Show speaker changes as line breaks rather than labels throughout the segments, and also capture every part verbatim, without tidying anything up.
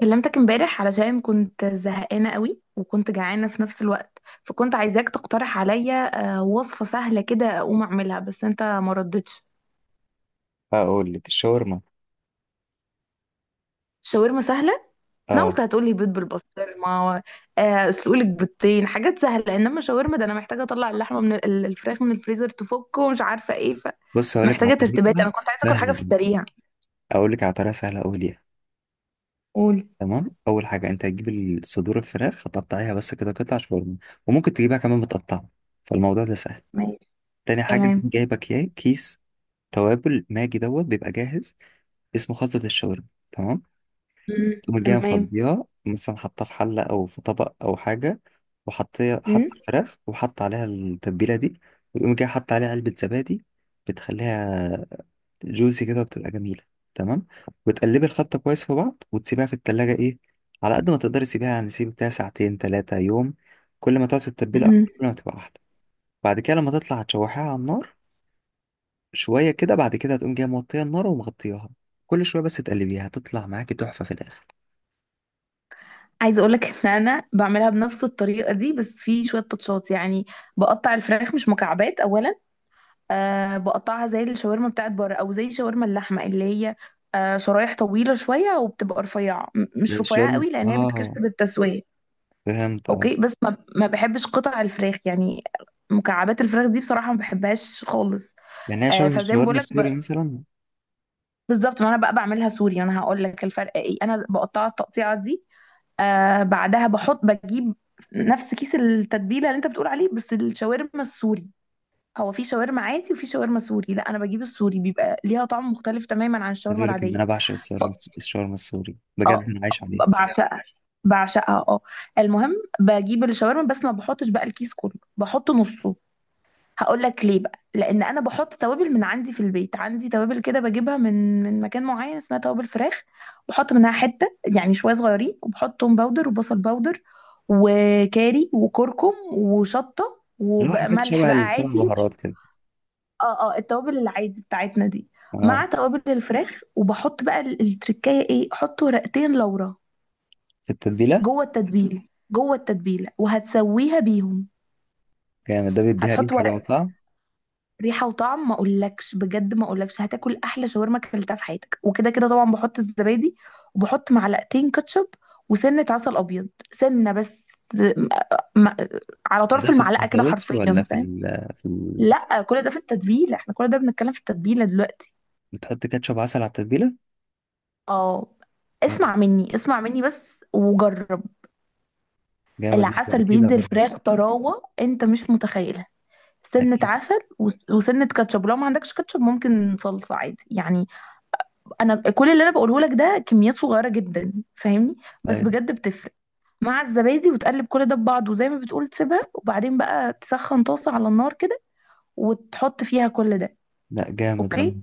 كلمتك امبارح علشان كنت زهقانة قوي وكنت جعانة في نفس الوقت. فكنت عايزاك تقترح عليا آه، وصفة سهلة كده اقوم اعملها، بس انت ما ردتش.
هقول لك الشاورما.
شاورما سهلة. انا
اه،
قلت هتقولي بيض بالبسطرمة. آه، اسلقلك بيضتين حاجات سهلة، انما شاورما ده انا محتاجة اطلع اللحمة من ال- الفراخ من الفريزر تفك ومش عارفة ايه.
بص هقول لك على
فمحتاجة ترتيبات،
طريقه
انا كنت عايزة اكل حاجة
سهله
في
أوي.
السريع.
اقول لك على طريقه سهله قوي ليها.
قول.
تمام، اول حاجه انت هتجيب الصدور الفراخ، هتقطعيها بس كده قطع شاورما. وممكن تجيبها كمان متقطعه، فالموضوع ده سهل.
ماشي.
تاني حاجه،
تمام.
تكون جايبه كيا- كيس توابل ماجي دوت، بيبقى جاهز. اسمه خلطه الشاورما. تمام.
مم.
تقوم جايه
تمام.
مفضيها مثلا، حاطاه في حله او في طبق او حاجه، وحطيها
مم.
حط الفراخ وحط عليها التتبيله دي. ويقوم جاي حط عليها علبه زبادي، بتخليها جوسي كده، بتبقى جميلة. تمام. وتقلبي الخلطة كويس في بعض وتسيبيها في التلاجة، ايه، على قد ما تقدري سيبيها، يعني سيب بتاع ساعتين تلاتة يوم. كل ما تقعد في التتبيلة
مم.
أكتر، كل ما تبقى أحلى. بعد كده لما تطلع هتشوحيها على النار شوية كده. بعد كده هتقوم جاية موطية النار ومغطياها، كل شوية بس تقلبيها، هتطلع معاكي تحفة في الآخر.
عايزه اقول لك ان انا بعملها بنفس الطريقه دي، بس في شويه تاتشات يعني. بقطع الفراخ مش مكعبات اولا. أه بقطعها زي الشاورما بتاعت بره او زي شاورما اللحمه اللي هي أه شرايح طويله شويه وبتبقى رفيعه، م-
ده
مش رفيعه قوي لانها
الشاورما، اه.
بتكسب التسويه.
فهمت، اه.
اوكي، بس ما ما بحبش قطع الفراخ يعني. مكعبات الفراخ دي بصراحه ما بحبهاش خالص.
يعني هي
أه
شبه
فزي ما
الشاورما
بقول لك ب...
السوري مثلا.
بالظبط. ما انا بقى بعملها سوري، انا هقول لك الفرق ايه. انا بقطعها التقطيعه دي، آه بعدها بحط بجيب نفس كيس التتبيله اللي انت بتقول عليه، بس الشاورما السوري. هو في شاورما عادي وفي شاورما سوري، لا انا بجيب السوري، بيبقى ليها طعم مختلف تماما عن
عايز
الشاورما
أقول لك إن
العاديه.
أنا بعشق الشاورما الشاورما السوري بجد
اه
أنا عايش عليها.
ب- بعشقها. بعشقها اه. المهم، بجيب الشاورما بس ما بحطش بقى الكيس كله، بحط نصه. هقول لك ليه بقى، لان انا بحط توابل من عندي في البيت. عندي توابل كده بجيبها من من مكان معين، اسمها توابل فراخ. بحط منها حته يعني شويه صغيرين، وبحط توم باودر وبصل باودر وكاري وكركم وشطه
اللي هو حاجات
وملح
شبه
بقى
السبع
عادي.
بهارات كده،
اه اه، التوابل العادي بتاعتنا دي،
اه.
مع توابل الفراخ. وبحط بقى ال- التركايه ايه، احط ورقتين لورا.
في التتبيلة.
جوه التتبيله. جوه التتبيله وهتسويها بيهم.
جامد، ده بيديها
هتحط
ريحة بقى
ورق.
وطعم.
ريحه وطعم ما اقولكش، بجد ما اقولكش هتاكل احلى شاورما اكلتها في حياتك. وكده كده طبعا بحط الزبادي، وبحط معلقتين كاتشب، وسنه عسل ابيض، سنه بس م- م- على
ده
طرف
ده في
المعلقه كده
السندوتش ولا
حرفيا،
في
فاهم.
ال في ال...
لا كل ده في التتبيله، احنا كل ده بنتكلم في التتبيله دلوقتي.
بتحط كاتشب عسل على التتبيلة؟
اه.
جامد.
اسمع مني اسمع مني بس وجرب.
جامد، لا،
العسل
أكيد
بيدي
برضه.
الفراخ طراوه انت مش متخيلها. سنة
أكيد.
عسل و- وسنة كاتشب، لو ما عندكش كاتشب ممكن صلصة عادي يعني. انا كل اللي انا بقوله لك ده كميات صغيره جدا، فاهمني. بس
أيوة.
بجد بتفرق. مع الزبادي وتقلب كل ده ببعض، وزي ما بتقول تسيبها. وبعدين بقى تسخن طاسه على النار كده، وتحط فيها كل ده.
لا، جامد أنا.
اوكي.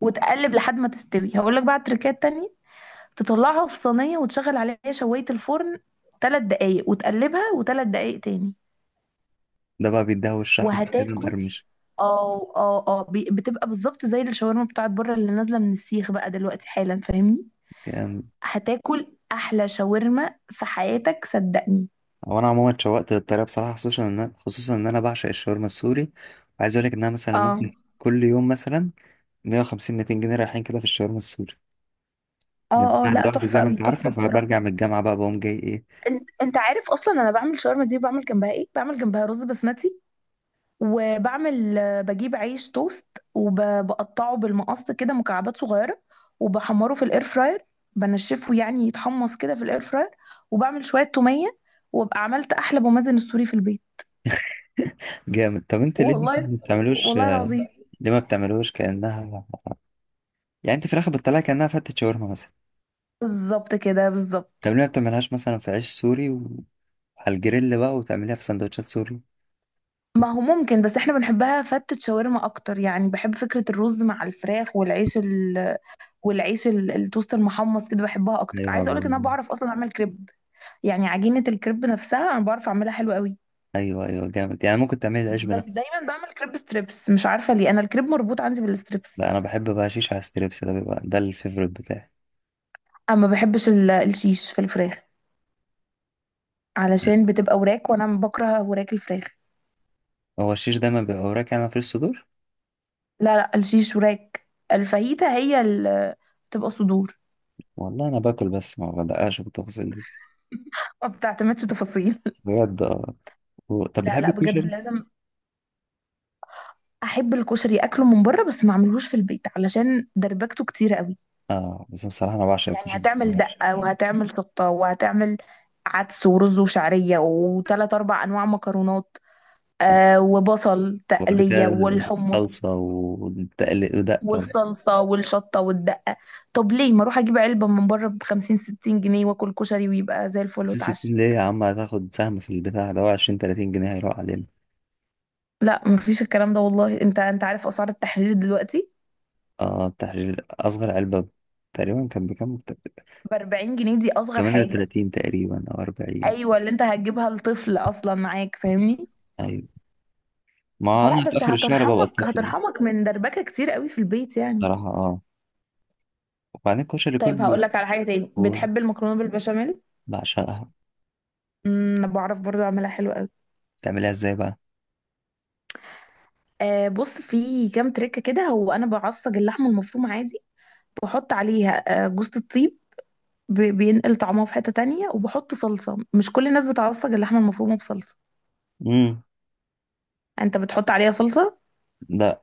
وتقلب لحد ما تستوي. هقول لك بقى تريكات تانية. تطلعها في صينيه وتشغل عليها شوايه الفرن ثلاث دقايق، وتقلبها وثلاث دقايق تاني.
ده بقى بيديها وش أحمر كده
وهتاكل.
مقرمش.
اه اه اه، بي- بتبقى بالظبط زي الشاورما بتاعت بره اللي نازله من السيخ بقى دلوقتي حالا، فاهمني.
جامد.
هتاكل احلى شاورما في حياتك، صدقني.
هو أنا عموما اتشوقت للطريقة بصراحة، خصوصا إن أنا- خصوصا إن أنا بعشق الشاورما السوري. وعايز أقول لك إن أنا مثلا
اه
ممكن كل يوم مثلا مية وخمسين ميتين جنيه رايحين كده في الشاورما السوري، لأن أنا
اه اه،
قاعد
لا
لوحدي
تحفه
زي ما
قوي،
أنت عارفة.
تحفه
فبرجع
بصراحه.
من الجامعة بقى بقوم جاي إيه.
انت انت عارف اصلا انا بعمل شاورما دي بعمل جنبها ايه، بعمل جنبها رز بسمتي. وبعمل آه، بجيب عيش توست، وبقطعه بالمقص كده مكعبات صغيره، وبحمره في الاير فراير. بنشفه يعني، يتحمص كده في الاير فراير. وبعمل شويه توميه. وابقى عملت احلى بومازن السوري في البيت.
جامد. طب أنت ليه مثلا
والله
ما بتعملوش؟
والله العظيم.
ليه ما بتعملوش كأنها، يعني انت في الاخر بتطلعها كانها فتة شاورما مثلا.
بالظبط كده
طب
بالظبط.
ليه ما بتعملهاش مثلا في عيش سوري و- وعلى الجريل بقى، وتعمليها في سندوتشات سوري؟
ما هو ممكن، بس احنا بنحبها فتة شاورما اكتر يعني. بحب فكرة الرز مع الفراخ والعيش ال... والعيش ال... التوست المحمص كده، بحبها اكتر.
ايوه،
عايزة اقولك ان انا
بالظبط.
بعرف اصلا اعمل كريب. يعني عجينة الكريب نفسها انا بعرف اعملها حلو قوي.
ايوه ايوه، جامد. يعني ممكن تعملي العيش
بس
بنفسك.
دايما بعمل كريب ستريبس، مش عارفة ليه، انا الكريب مربوط عندي بالستريبس.
لا، انا بحب بقى شيش على ستريبس، ده بيبقى ده الفيفوريت بتاعي.
اما بحبش ال... الشيش في الفراخ علشان بتبقى وراك، وانا بكره وراك الفراخ.
هو الشيش دايما بيبقى وراك، يعني مفيش صدور.
لا لا، الشيش وراك، الفاهيتا هي ال... بتبقى صدور.
والله انا باكل بس ما بدققش بالتفاصيل دي،
ما بتعتمدش تفاصيل
بجد اه. و- طب
لا
بتحب
لا بجد،
الكشري؟
لازم احب الكشري. اكله من بره بس ما اعملهوش في البيت علشان دربكته كتيره قوي.
اه، بس بصراحه انا بعشق
يعني
الكشري.
هتعمل دقه وهتعمل شطه وهتعمل عدس ورز وشعريه وثلاث اربع انواع مكرونات،
آه.
آه وبصل
وبعد
تقليه
كده
والحمص
صلصه ودقه.
والصلصه والشطه والدقه. طب ليه ما اروح اجيب علبه من بره ب خمسين ستين جنيه واكل كشري ويبقى زي الفل
خمسين
واتعشى.
ستين ليه يا عم؟ هتاخد سهم في البتاع ده؟ هو عشرين تلاتين جنيه هيروح علينا.
لا مفيش الكلام ده والله، انت انت عارف اسعار التحرير دلوقتي
اه التحرير. أصغر علبة تقريبا كان بكام؟
ب أربعين جنيه، دي اصغر
تمانية
حاجه.
وتلاتين تقريبا أو أربعين.
ايوه اللي انت هتجيبها لطفل اصلا معاك، فاهمني.
أيوة. ما
فلا،
أنا في
بس
آخر الشهر ببقى
هترحمك،
الطفل ده.
هترحمك من دربكة كتير قوي في البيت يعني.
بصراحة اه. وبعدين الكشري
طيب
كله.
هقول لك على حاجة تاني، بتحب المكرونة بالبشاميل.
بعشقها.
امم، أنا بعرف برضو اعملها حلو قوي.
بتعملها ازاي بقى؟
آه بص في كام تريكة كده. هو انا بعصج اللحمة المفرومة عادي، بحط عليها آه جوزة الطيب، بي- بينقل طعمها في حتة تانية. وبحط صلصة. مش كل الناس بتعصج اللحمة المفرومة بصلصة.
امم
انت بتحط عليها صلصة؟
لا.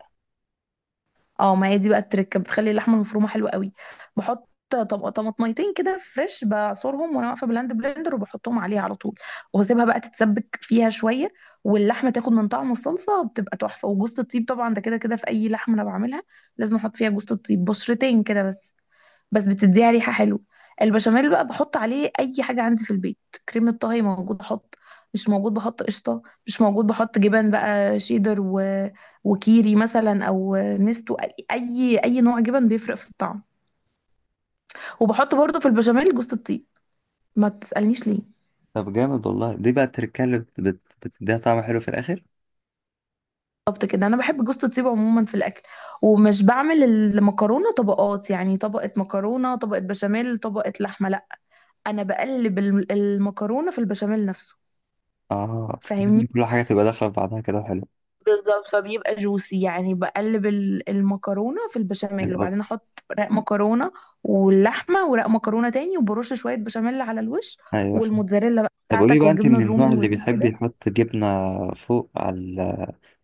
اه، ما هي دي بقى التركه، بتخلي اللحمه المفرومه حلوه قوي. بحط طب طماطميتين كده فريش، بعصرهم وانا واقفه بلاند بلندر، وبحطهم عليها على طول. واسيبها بقى تتسبك فيها شويه، واللحمه تاخد من طعم الصلصه، بتبقى تحفه. وجوز الطيب طبعا ده كده كده في اي لحمه انا بعملها لازم احط فيها جوز الطيب، بشرتين كده بس، بس بتديها ريحة حلوة. البشاميل بقى بحط عليه أي حاجة عندي في البيت. كريمة طهي موجود بحط، مش موجود بحط قشطة، مش موجود بحط جبن بقى شيدر و... وكيري مثلا أو نستو. أي أي نوع جبن بيفرق في الطعم. وبحط برضو في البشاميل جوز الطيب، ما تسألنيش ليه.
طب جامد والله، دي بقى التركية اللي بت- بت- بتديها طعم حلو في الآخر.
بالظبط كده، أنا بحب جوز الطيب عموما في الأكل. ومش بعمل المكرونة طبقات يعني، طبقة مكرونة طبقة بشاميل طبقة لحمة، لا. أنا بقلب الم- المكرونة في البشاميل نفسه،
اه، بتحس
فاهمني.
إن كل حاجة تبقى داخلة في بعضها كده، حلو.
بالظبط، فبيبقى جوسي يعني. بقلب ال- المكرونه في البشاميل، وبعدين احط رق مكرونه واللحمه ورق مكرونه تاني، وبرش شويه بشاميل على الوش،
أيوة، فاهم.
والموتزاريلا بقى
طب قولي
بتاعتك
بقى، أنت
والجبنه
من
الرومي
النوع اللي بيحب
والكده.
يحط جبنة فوق على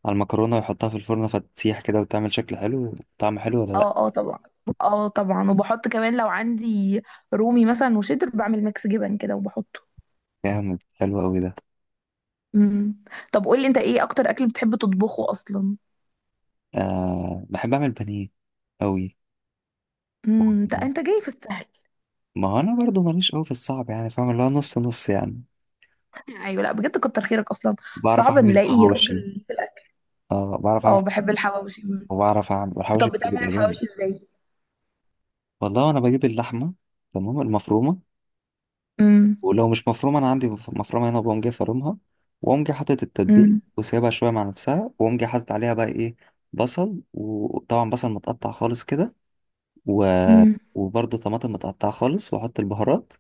على المكرونة ويحطها في الفرن فتسيح كده وتعمل شكل حلو، طعم حلو، ولا لأ؟
اه اه طبعا. اه طبعا، وبحط كمان لو عندي رومي مثلا وشيدر بعمل ميكس جبن كده وبحطه.
جامد، حلو أوي ده.
امم. طب قولي انت ايه اكتر اكل بتحب تطبخه اصلا.
آه، بحب أعمل بانيه أوي.
امم، انت انت جاي في السهل.
ما هو أنا برضو ماليش أوي في الصعب، يعني فاهم اللي هو نص نص يعني.
ايوه لا بجد كتر خيرك اصلا.
بعرف
صعب
أعمل
نلاقي
حواوشي.
راجل في الاكل.
اه، بعرف
اه
أعمل،
بحب الحواوشي.
وبعرف أعمل، والحواوشي
طب بتعمل
بيبقى جامد.
الحواوشي ازاي.
والله أنا بجيب اللحمة، تمام، المفرومة.
امم.
ولو مش مفرومة، أنا عندي مف- مفرومة هنا، وبقوم جاي فارمها. وأقوم جاي حاطط التتبيل
امم.
وسايبها شوية مع نفسها، وأقوم جاي حاطط عليها بقى إيه، بصل. وطبعا بصل متقطع خالص كده و...
امم.
وبرضه طماطم متقطعة خالص، وأحط البهارات.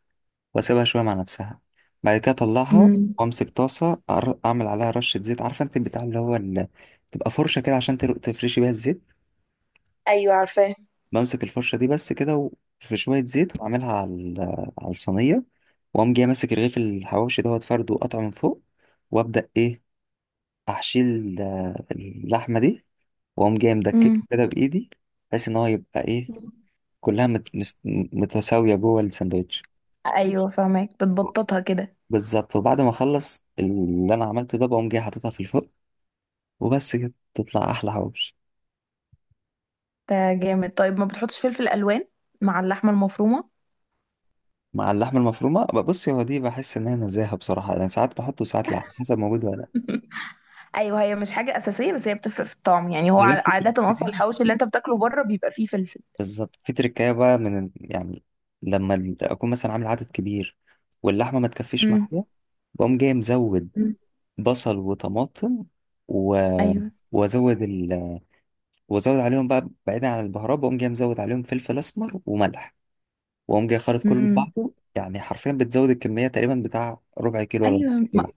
وأسيبها شوية مع نفسها. بعد كده أطلعها،
امم.
وأمسك طاسة. أعر- أعمل عليها رشة زيت. عارفة أنت البتاع اللي هو ال... تبقى فرشة كده عشان تر- تفرشي بيها الزيت.
ايوه عارفاه.
بمسك الفرشة دي بس كده، و- في شوية زيت، وأعملها على ال... على الصينية. وأقوم جاي ماسك رغيف الحواوشي دوت فرده وقطعه من فوق، وأبدأ إيه، أحشي ال- اللحمة دي. وأقوم جاي
امم.
مدككه كده بإيدي، بحيث إن هو يبقى إيه، كلها مت... مست- متساوية جوه الساندوتش.
ايوه فاهمك، بتبططها كده.
بالظبط. وبعد ما اخلص اللي انا عملته ده، بقوم جاي حاططها في الفرن، وبس كده تطلع احلى حواوشي.
ده جامد، طيب ما بتحطش فلفل الوان مع اللحمه المفرومه.
مع اللحمه المفرومه، بص هو دي بحس ان هي نزاهه بصراحه، انا ساعات بحطه وساعات لا، على حسب موجود ولا لا.
ايوه هي مش حاجه اساسيه، بس هي بتفرق في الطعم يعني. هو
انا بقى
ع-
في
عاده اصلا
تركتين.
الحواوشي اللي انت بتاكله بره بيبقى فيه فلفل.
بالظبط، في تركايه بقى من ال- يعني لما ال- اكون مثلا عامل عدد كبير واللحمه ما تكفيش
امم.
معايا، بقوم جاي مزود
أمم.
بصل وطماطم و...
ايوه.
وازود ال... وازود عليهم بقى، بعيدا عن البهارات، بقوم جاي مزود عليهم فلفل اسمر وملح، واقوم جاي خالط كله في
امم.
بعضه. يعني حرفيا بتزود الكميه تقريبا بتاع ربع كيلو ولا نص
ايوه ما...
كيلو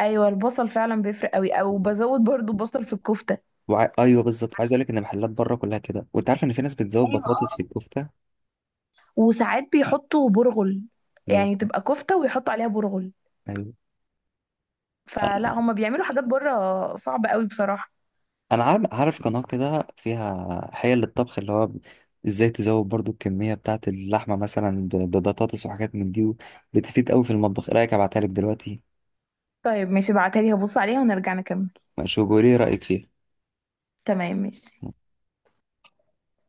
ايوه البصل فعلا بيفرق قوي، او
لحمة.
بزود برضو بصل في الكفته.
وع... ايوه، بالظبط. وعايز اقول لك ان محلات بره كلها كده. وانت عارف ان في ناس بتزود
ايوه،
بطاطس في الكفته.
وساعات بيحطوا برغل، يعني
بس-
تبقى كفتة ويحطوا عليها برغل.
ايوه،
فلا هما بيعملوا حاجات بره صعبة قوي بصراحة.
انا عارف، عارف قناه كده فيها حيل للطبخ، اللي هو ازاي تزود برضو الكميه بتاعه اللحمه، مثلا ب- ببطاطس وحاجات من دي، بتفيد قوي في المطبخ. ايه رايك ابعتها لك دلوقتي؟
طيب ماشي، ابعتها لي هبص عليها ونرجع نكمل.
شوف، قولي ايه رايك فيها.
تمام ماشي.